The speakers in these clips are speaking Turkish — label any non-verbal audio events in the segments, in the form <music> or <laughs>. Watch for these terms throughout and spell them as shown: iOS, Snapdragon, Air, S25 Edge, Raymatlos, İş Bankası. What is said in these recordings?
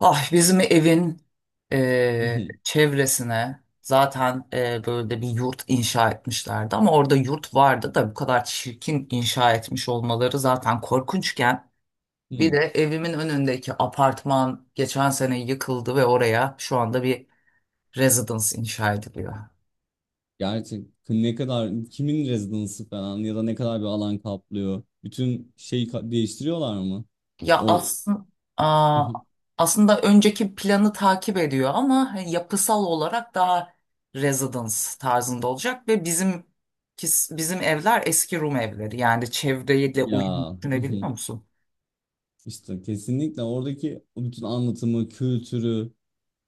Ah bizim evin Hı hı, çevresine zaten böyle bir yurt inşa etmişlerdi ama orada yurt vardı da bu kadar çirkin inşa etmiş olmaları zaten korkunçken bir de hı. evimin önündeki apartman geçen sene yıkıldı ve oraya şu anda bir residence inşa ediliyor. Gerçek ne kadar kimin rezidansı falan ya da ne kadar bir alan kaplıyor. Bütün şeyi değiştiriyorlar mı? Ya O aslında hı hı. aslında önceki planı takip ediyor ama hani, yapısal olarak daha residence tarzında olacak ve bizim evler eski Rum evleri. Yani çevreyle <laughs> uyum Ya, hı düşünebiliyor hı. musun? işte kesinlikle oradaki o bütün anlatımı, kültürü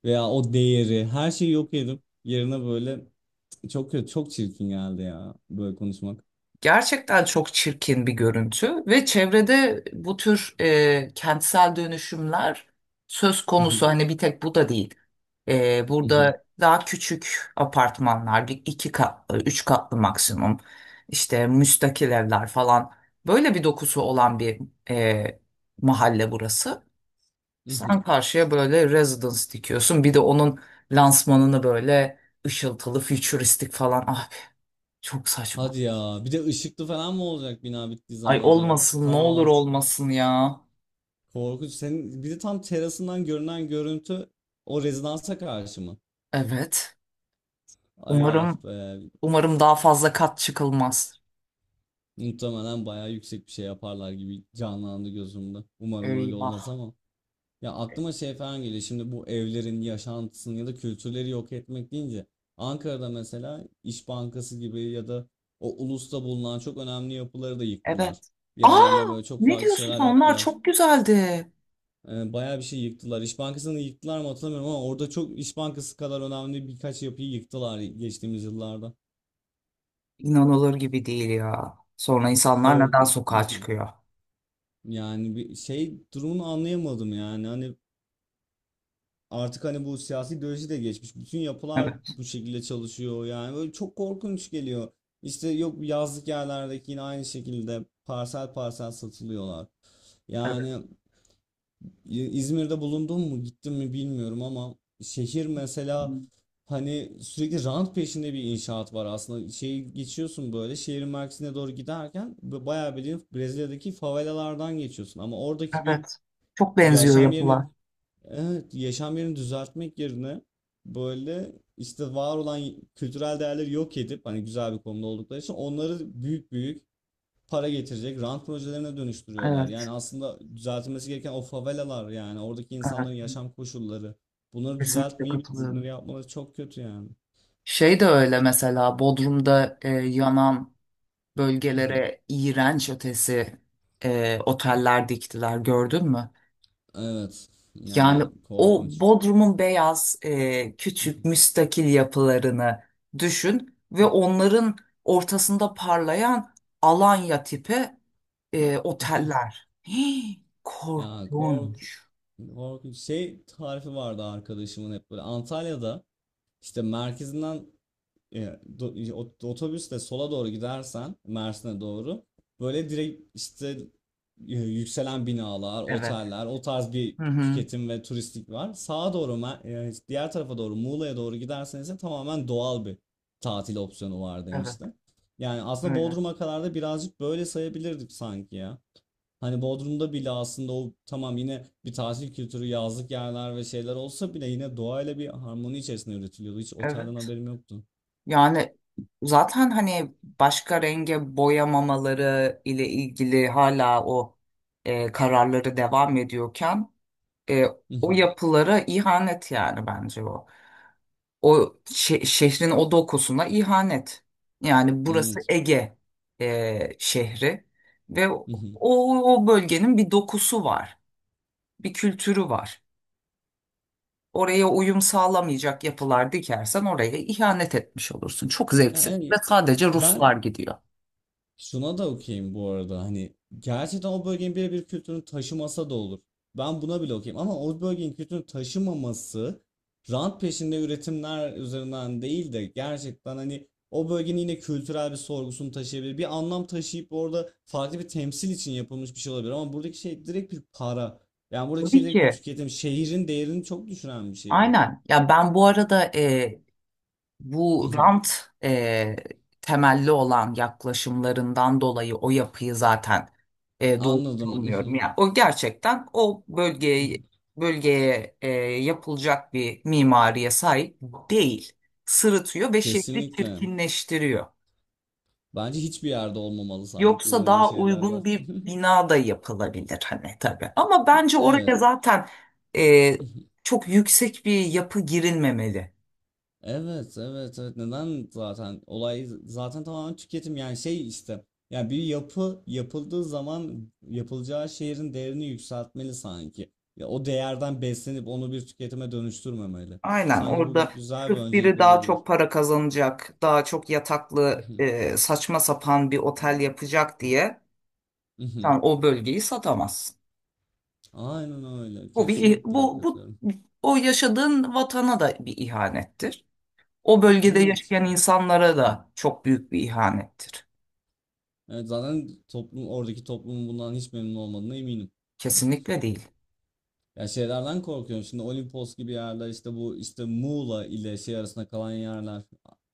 veya o değeri her şeyi yok edip yerine böyle çok kötü, çok çirkin geldi ya böyle konuşmak. Gerçekten çok çirkin bir görüntü ve çevrede bu tür kentsel dönüşümler söz Hı konusu hı, hani bir tek bu da değil. E, hı hı, burada daha küçük apartmanlar, bir iki katlı, üç katlı maksimum, işte müstakil evler falan böyle bir dokusu olan bir e, mahalle burası. hı hı. Sen karşıya böyle residence dikiyorsun, bir de onun lansmanını böyle ışıltılı, fütüristik falan abi çok saçma. Hadi ya, bir de ışıklı falan mı olacak bina bittiği Ay zaman acaba? olmasın, ne olur Tamamen. olmasın ya. Korkunç. Senin bir de tam terasından görünen görüntü o rezidansa karşı mı? Evet. Ay ah Umarım be. umarım daha fazla kat çıkılmaz. Muhtemelen bayağı yüksek bir şey yaparlar gibi canlandı gözümde. Umarım öyle Eyvah. olmaz ama. Ya aklıma şey falan geliyor. Şimdi bu evlerin yaşantısını ya da kültürleri yok etmek deyince Ankara'da mesela İş Bankası gibi ya da o ulusta bulunan çok önemli yapıları da yıktılar. Evet. Yerlerine Aa, böyle çok ne farklı diyorsun şeyler sen? Onlar yaptılar. çok güzeldi. Bayağı bir şey yıktılar. İş Bankası'nı yıktılar mı hatırlamıyorum ama orada çok İş Bankası kadar önemli birkaç yapıyı yıktılar geçtiğimiz yıllarda. İnanılır gibi değil ya. Sonra insanlar Kork neden sokağa çıkıyor? <laughs> Yani bir şey durumunu anlayamadım yani. Hani artık hani bu siyasi ideoloji de geçmiş. Bütün yapılar Evet, bu şekilde çalışıyor. Yani böyle çok korkunç geliyor. İşte yok, yazlık yerlerdeki yine aynı şekilde parsel parsel satılıyorlar. evet. Yani İzmir'de bulundum mu gittim mi bilmiyorum ama şehir mesela hani sürekli rant peşinde bir inşaat var aslında. Şeyi geçiyorsun böyle şehrin merkezine doğru giderken bayağı bildiğin Brezilya'daki favelalardan geçiyorsun. Ama oradaki bir Evet. Çok benziyor yaşam yapılar. yerini, evet, yaşam yerini düzeltmek yerine böyle işte var olan kültürel değerleri yok edip hani güzel bir konuda oldukları için onları büyük büyük para getirecek rant projelerine dönüştürüyorlar. Evet, Yani aslında düzeltilmesi gereken o favelalar, yani oradaki evet. insanların yaşam koşulları. Bunları Kesinlikle düzeltmeyip bunları katılıyorum. yapmaları çok kötü yani. Şey de öyle mesela Bodrum'da yanan bölgelere <laughs> iğrenç ötesi oteller diktiler gördün mü? Evet, Yani yani o korkunç. Bodrum'un beyaz küçük müstakil yapılarını düşün ve onların ortasında parlayan Alanya tipi <laughs> oteller. Hii, Ya korkunç. korkunç şey tarifi vardı arkadaşımın, hep böyle Antalya'da işte merkezinden otobüsle sola doğru gidersen Mersin'e doğru böyle direkt işte yükselen binalar, Evet. oteller, o tarz bir Hı hı. tüketim ve turistik var. Sağa doğru diğer tarafa doğru Muğla'ya doğru giderseniz de tamamen doğal bir tatil opsiyonu var Evet. demişti. Yani aslında Öyle. Bodrum'a kadar da birazcık böyle sayabilirdik sanki ya. Hani Bodrum'da bile aslında o tamam, yine bir tatil kültürü, yazlık yerler ve şeyler olsa bile yine doğayla bir harmoni içerisinde üretiliyordu. Hiç otelden Evet. haberim yoktu. Yani zaten hani başka renge boyamamaları ile ilgili hala o kararları devam ediyorken e, o <laughs> yapılara ihanet yani bence o. O şehrin o dokusuna ihanet. Yani Hmm, burası Ege şehri ve o, hı hı. o bölgenin bir dokusu var, bir kültürü var. Oraya uyum sağlamayacak yapılar dikersen oraya ihanet etmiş olursun. Çok Ya, zevksiz ve evet, sadece Ruslar ben gidiyor. şuna da okeyim bu arada, hani gerçekten o bölgenin birebir kültürünü taşımasa da olur. Ben buna bile okeyim ama o bölgenin kültürünü taşımaması rant peşinde üretimler üzerinden değil de gerçekten hani o bölgenin yine kültürel bir sorgusunu taşıyabilir. Bir anlam taşıyıp orada farklı bir temsil için yapılmış bir şey olabilir ama buradaki şey direkt bir para. Yani buradaki şey Tabii direkt bir ki. tüketim. Şehrin değerini çok düşüren bir şey bu. Aynen. Ya ben bu arada Hı bu hı. rant temelli olan yaklaşımlarından dolayı o yapıyı zaten doğru Anladım. Hı bulmuyorum. hı. Yani o gerçekten o Hı bölgeye hı. bölgeye yapılacak bir mimariye sahip değil. Sırıtıyor ve şehri Kesinlikle. çirkinleştiriyor. Bence hiçbir yerde olmamalı, sanki Yoksa böyle daha şeyler uygun var. bir <laughs> bina da yapılabilir hani tabii. Ama bence oraya Evet. zaten e, <laughs> çok yüksek bir yapı girilmemeli. Evet, evet, evet. Neden zaten olay zaten tamamen tüketim, yani şey işte. Yani bir yapı yapıldığı zaman yapılacağı şehrin değerini yükseltmeli sanki. Ya o değerden beslenip onu bir tüketime dönüştürmemeli. Aynen Sanki orada bu güzel bir sırf öncelik biri daha olabilir. çok para kazanacak, daha çok <laughs> yataklı Mhm, saçma sapan bir otel yapacak diye mhm. sen o bölgeyi satamazsın. Aynen öyle. Bu bir ih- Kesinlikle bu bu katılıyorum. o yaşadığın vatana da bir ihanettir. O bölgede Evet. yaşayan insanlara da çok büyük bir ihanettir. Evet, zaten toplum oradaki toplumun bundan hiç memnun olmadığına eminim. <laughs> Kesinlikle değil. Ya, şeylerden korkuyorum. Şimdi Olimpos gibi yerler, işte bu işte Muğla ile şey arasında kalan yerler,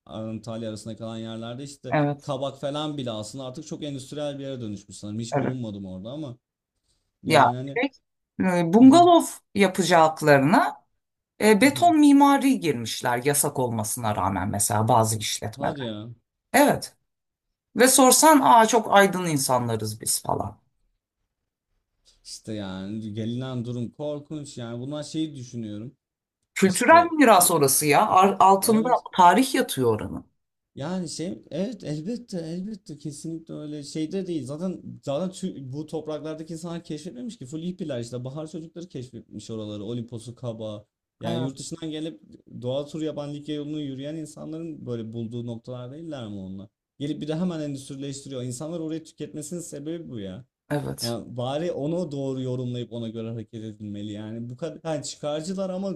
Antalya arasında kalan yerlerde işte Evet. Kabak falan bile aslında artık çok endüstriyel bir yere dönüşmüş sanırım. Hiç Evet. bulunmadım orada ama Ya yani hani şey, bungalov yapacaklarına beton <laughs> mimari girmişler yasak olmasına rağmen mesela bazı hadi işletmeler. ya, Evet. Ve sorsan aa çok aydın insanlarız biz falan. işte yani gelinen durum korkunç yani, bunlar şeyi düşünüyorum. Kültürel İşte miras orası ya. Altında evet. tarih yatıyor oranın. Yani şey evet, elbette elbette kesinlikle öyle şeyde değil. Zaten zaten bu topraklardaki insanlar keşfetmemiş ki, full hippiler işte bahar çocukları keşfetmiş oraları, Olimpos'u Kaba. Yani yurt Evet, dışından gelip doğa turu yapan, Likya yolunu yürüyen insanların böyle bulduğu noktalar değiller mi onlar? Gelip bir de hemen endüstrileştiriyor. İnsanlar orayı tüketmesinin sebebi bu ya. evet. Yani bari onu doğru yorumlayıp ona göre hareket edilmeli. Yani bu kadar yani çıkarcılar ama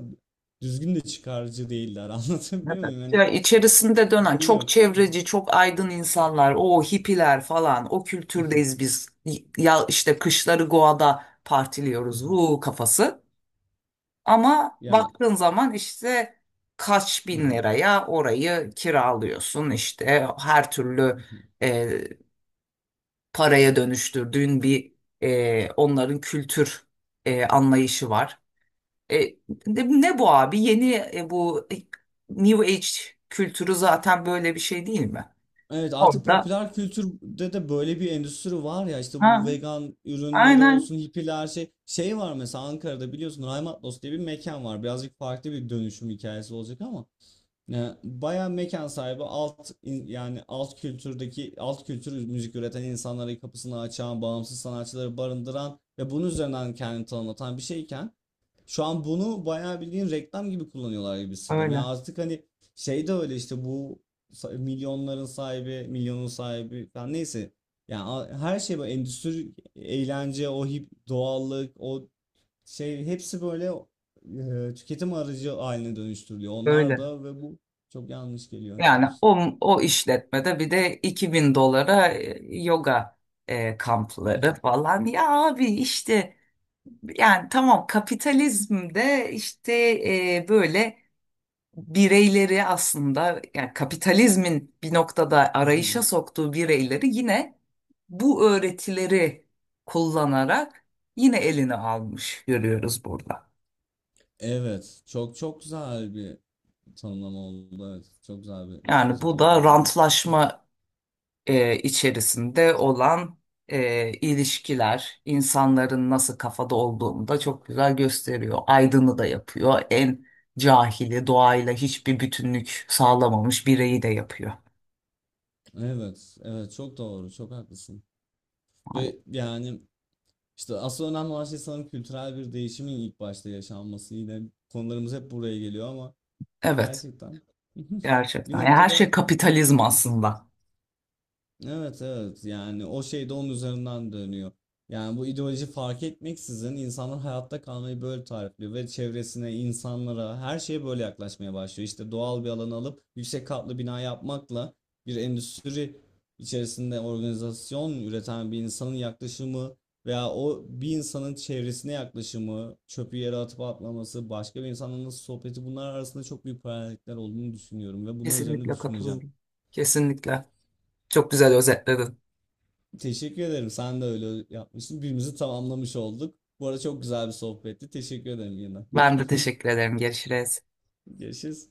düzgün de çıkarcı değiller. <laughs> Anlatabiliyor Evet. muyum? Yani Ya içerisinde dönen mantığı çok yok. çevreci, çok aydın insanlar, o hippiler falan, o <laughs> kültürdeyiz biz. Ya işte kışları Goa'da Hı partiliyoruz, hı. bu kafası. Ama Ya baktığın zaman işte kaç hı bin hı. liraya orayı kiralıyorsun işte her türlü Hı hı. paraya dönüştürdüğün bir onların kültür anlayışı var. E, ne bu abi? Yeni bu New Age kültürü zaten böyle bir şey değil mi? Evet, artık Orada popüler kültürde de böyle bir endüstri var ya, işte bu ha, vegan ürünleri aynen olsun, hippiler, şey şey var mesela Ankara'da biliyorsun, Raymatlos diye bir mekan var, birazcık farklı bir dönüşüm hikayesi olacak ama bayağı mekan sahibi yani alt kültürdeki alt kültür müzik üreten insanlara kapısını açan, bağımsız sanatçıları barındıran ve bunun üzerinden kendini tanımlatan bir şeyken şu an bunu bayağı bildiğin reklam gibi kullanıyorlar gibi hissediyorum. Yani öyle artık hani şey de öyle işte, bu milyonların sahibi, milyonun sahibi falan neyse. Yani her şey böyle endüstri, eğlence, o hip, doğallık, o şey hepsi böyle tüketim aracı haline dönüştürülüyor. Onlar öyle. da, ve bu çok yanlış geliyor. Çok Yani o işletmede bir de 2000 dolara yoga kampları <laughs> falan. Ya abi işte yani tamam kapitalizmde işte böyle bireyleri aslında yani kapitalizmin bir noktada arayışa soktuğu bireyleri yine bu öğretileri kullanarak yine eline almış görüyoruz burada. evet, çok çok güzel bir tanımlama oldu. Evet, çok güzel bir Yani özet bu oldu da yani. rantlaşma içerisinde olan ilişkiler, insanların nasıl kafada olduğunu da çok güzel gösteriyor. Aydın'ı da yapıyor. En cahili, doğayla hiçbir bütünlük sağlamamış bireyi de yapıyor. Evet, evet çok doğru, çok haklısın. Ve yani işte asıl önemli olan şey sanırım kültürel bir değişimin ilk başta yaşanması. Yine konularımız hep buraya geliyor ama Evet. gerçekten <laughs> bir Gerçekten. Yani her şey noktada bu kapitalizm aslında. evet, evet yani o şey de onun üzerinden dönüyor. Yani bu ideoloji fark etmeksizin insanlar hayatta kalmayı böyle tarifliyor ve çevresine, insanlara, her şeye böyle yaklaşmaya başlıyor. İşte doğal bir alanı alıp yüksek katlı bina yapmakla bir endüstri içerisinde organizasyon üreten bir insanın yaklaşımı veya o bir insanın çevresine yaklaşımı, çöpü yere atıp atmaması, başka bir insanla nasıl sohbeti, bunlar arasında çok büyük paralellikler olduğunu düşünüyorum ve bunlar üzerine Kesinlikle düşüneceğim. katılıyorum. Kesinlikle. Çok güzel özetledin. Teşekkür ederim. Sen de öyle yapmışsın. Birbirimizi tamamlamış olduk. Bu arada çok güzel bir sohbetti. Teşekkür ederim yine. Ben de teşekkür ederim. Görüşürüz. <laughs> Görüşürüz.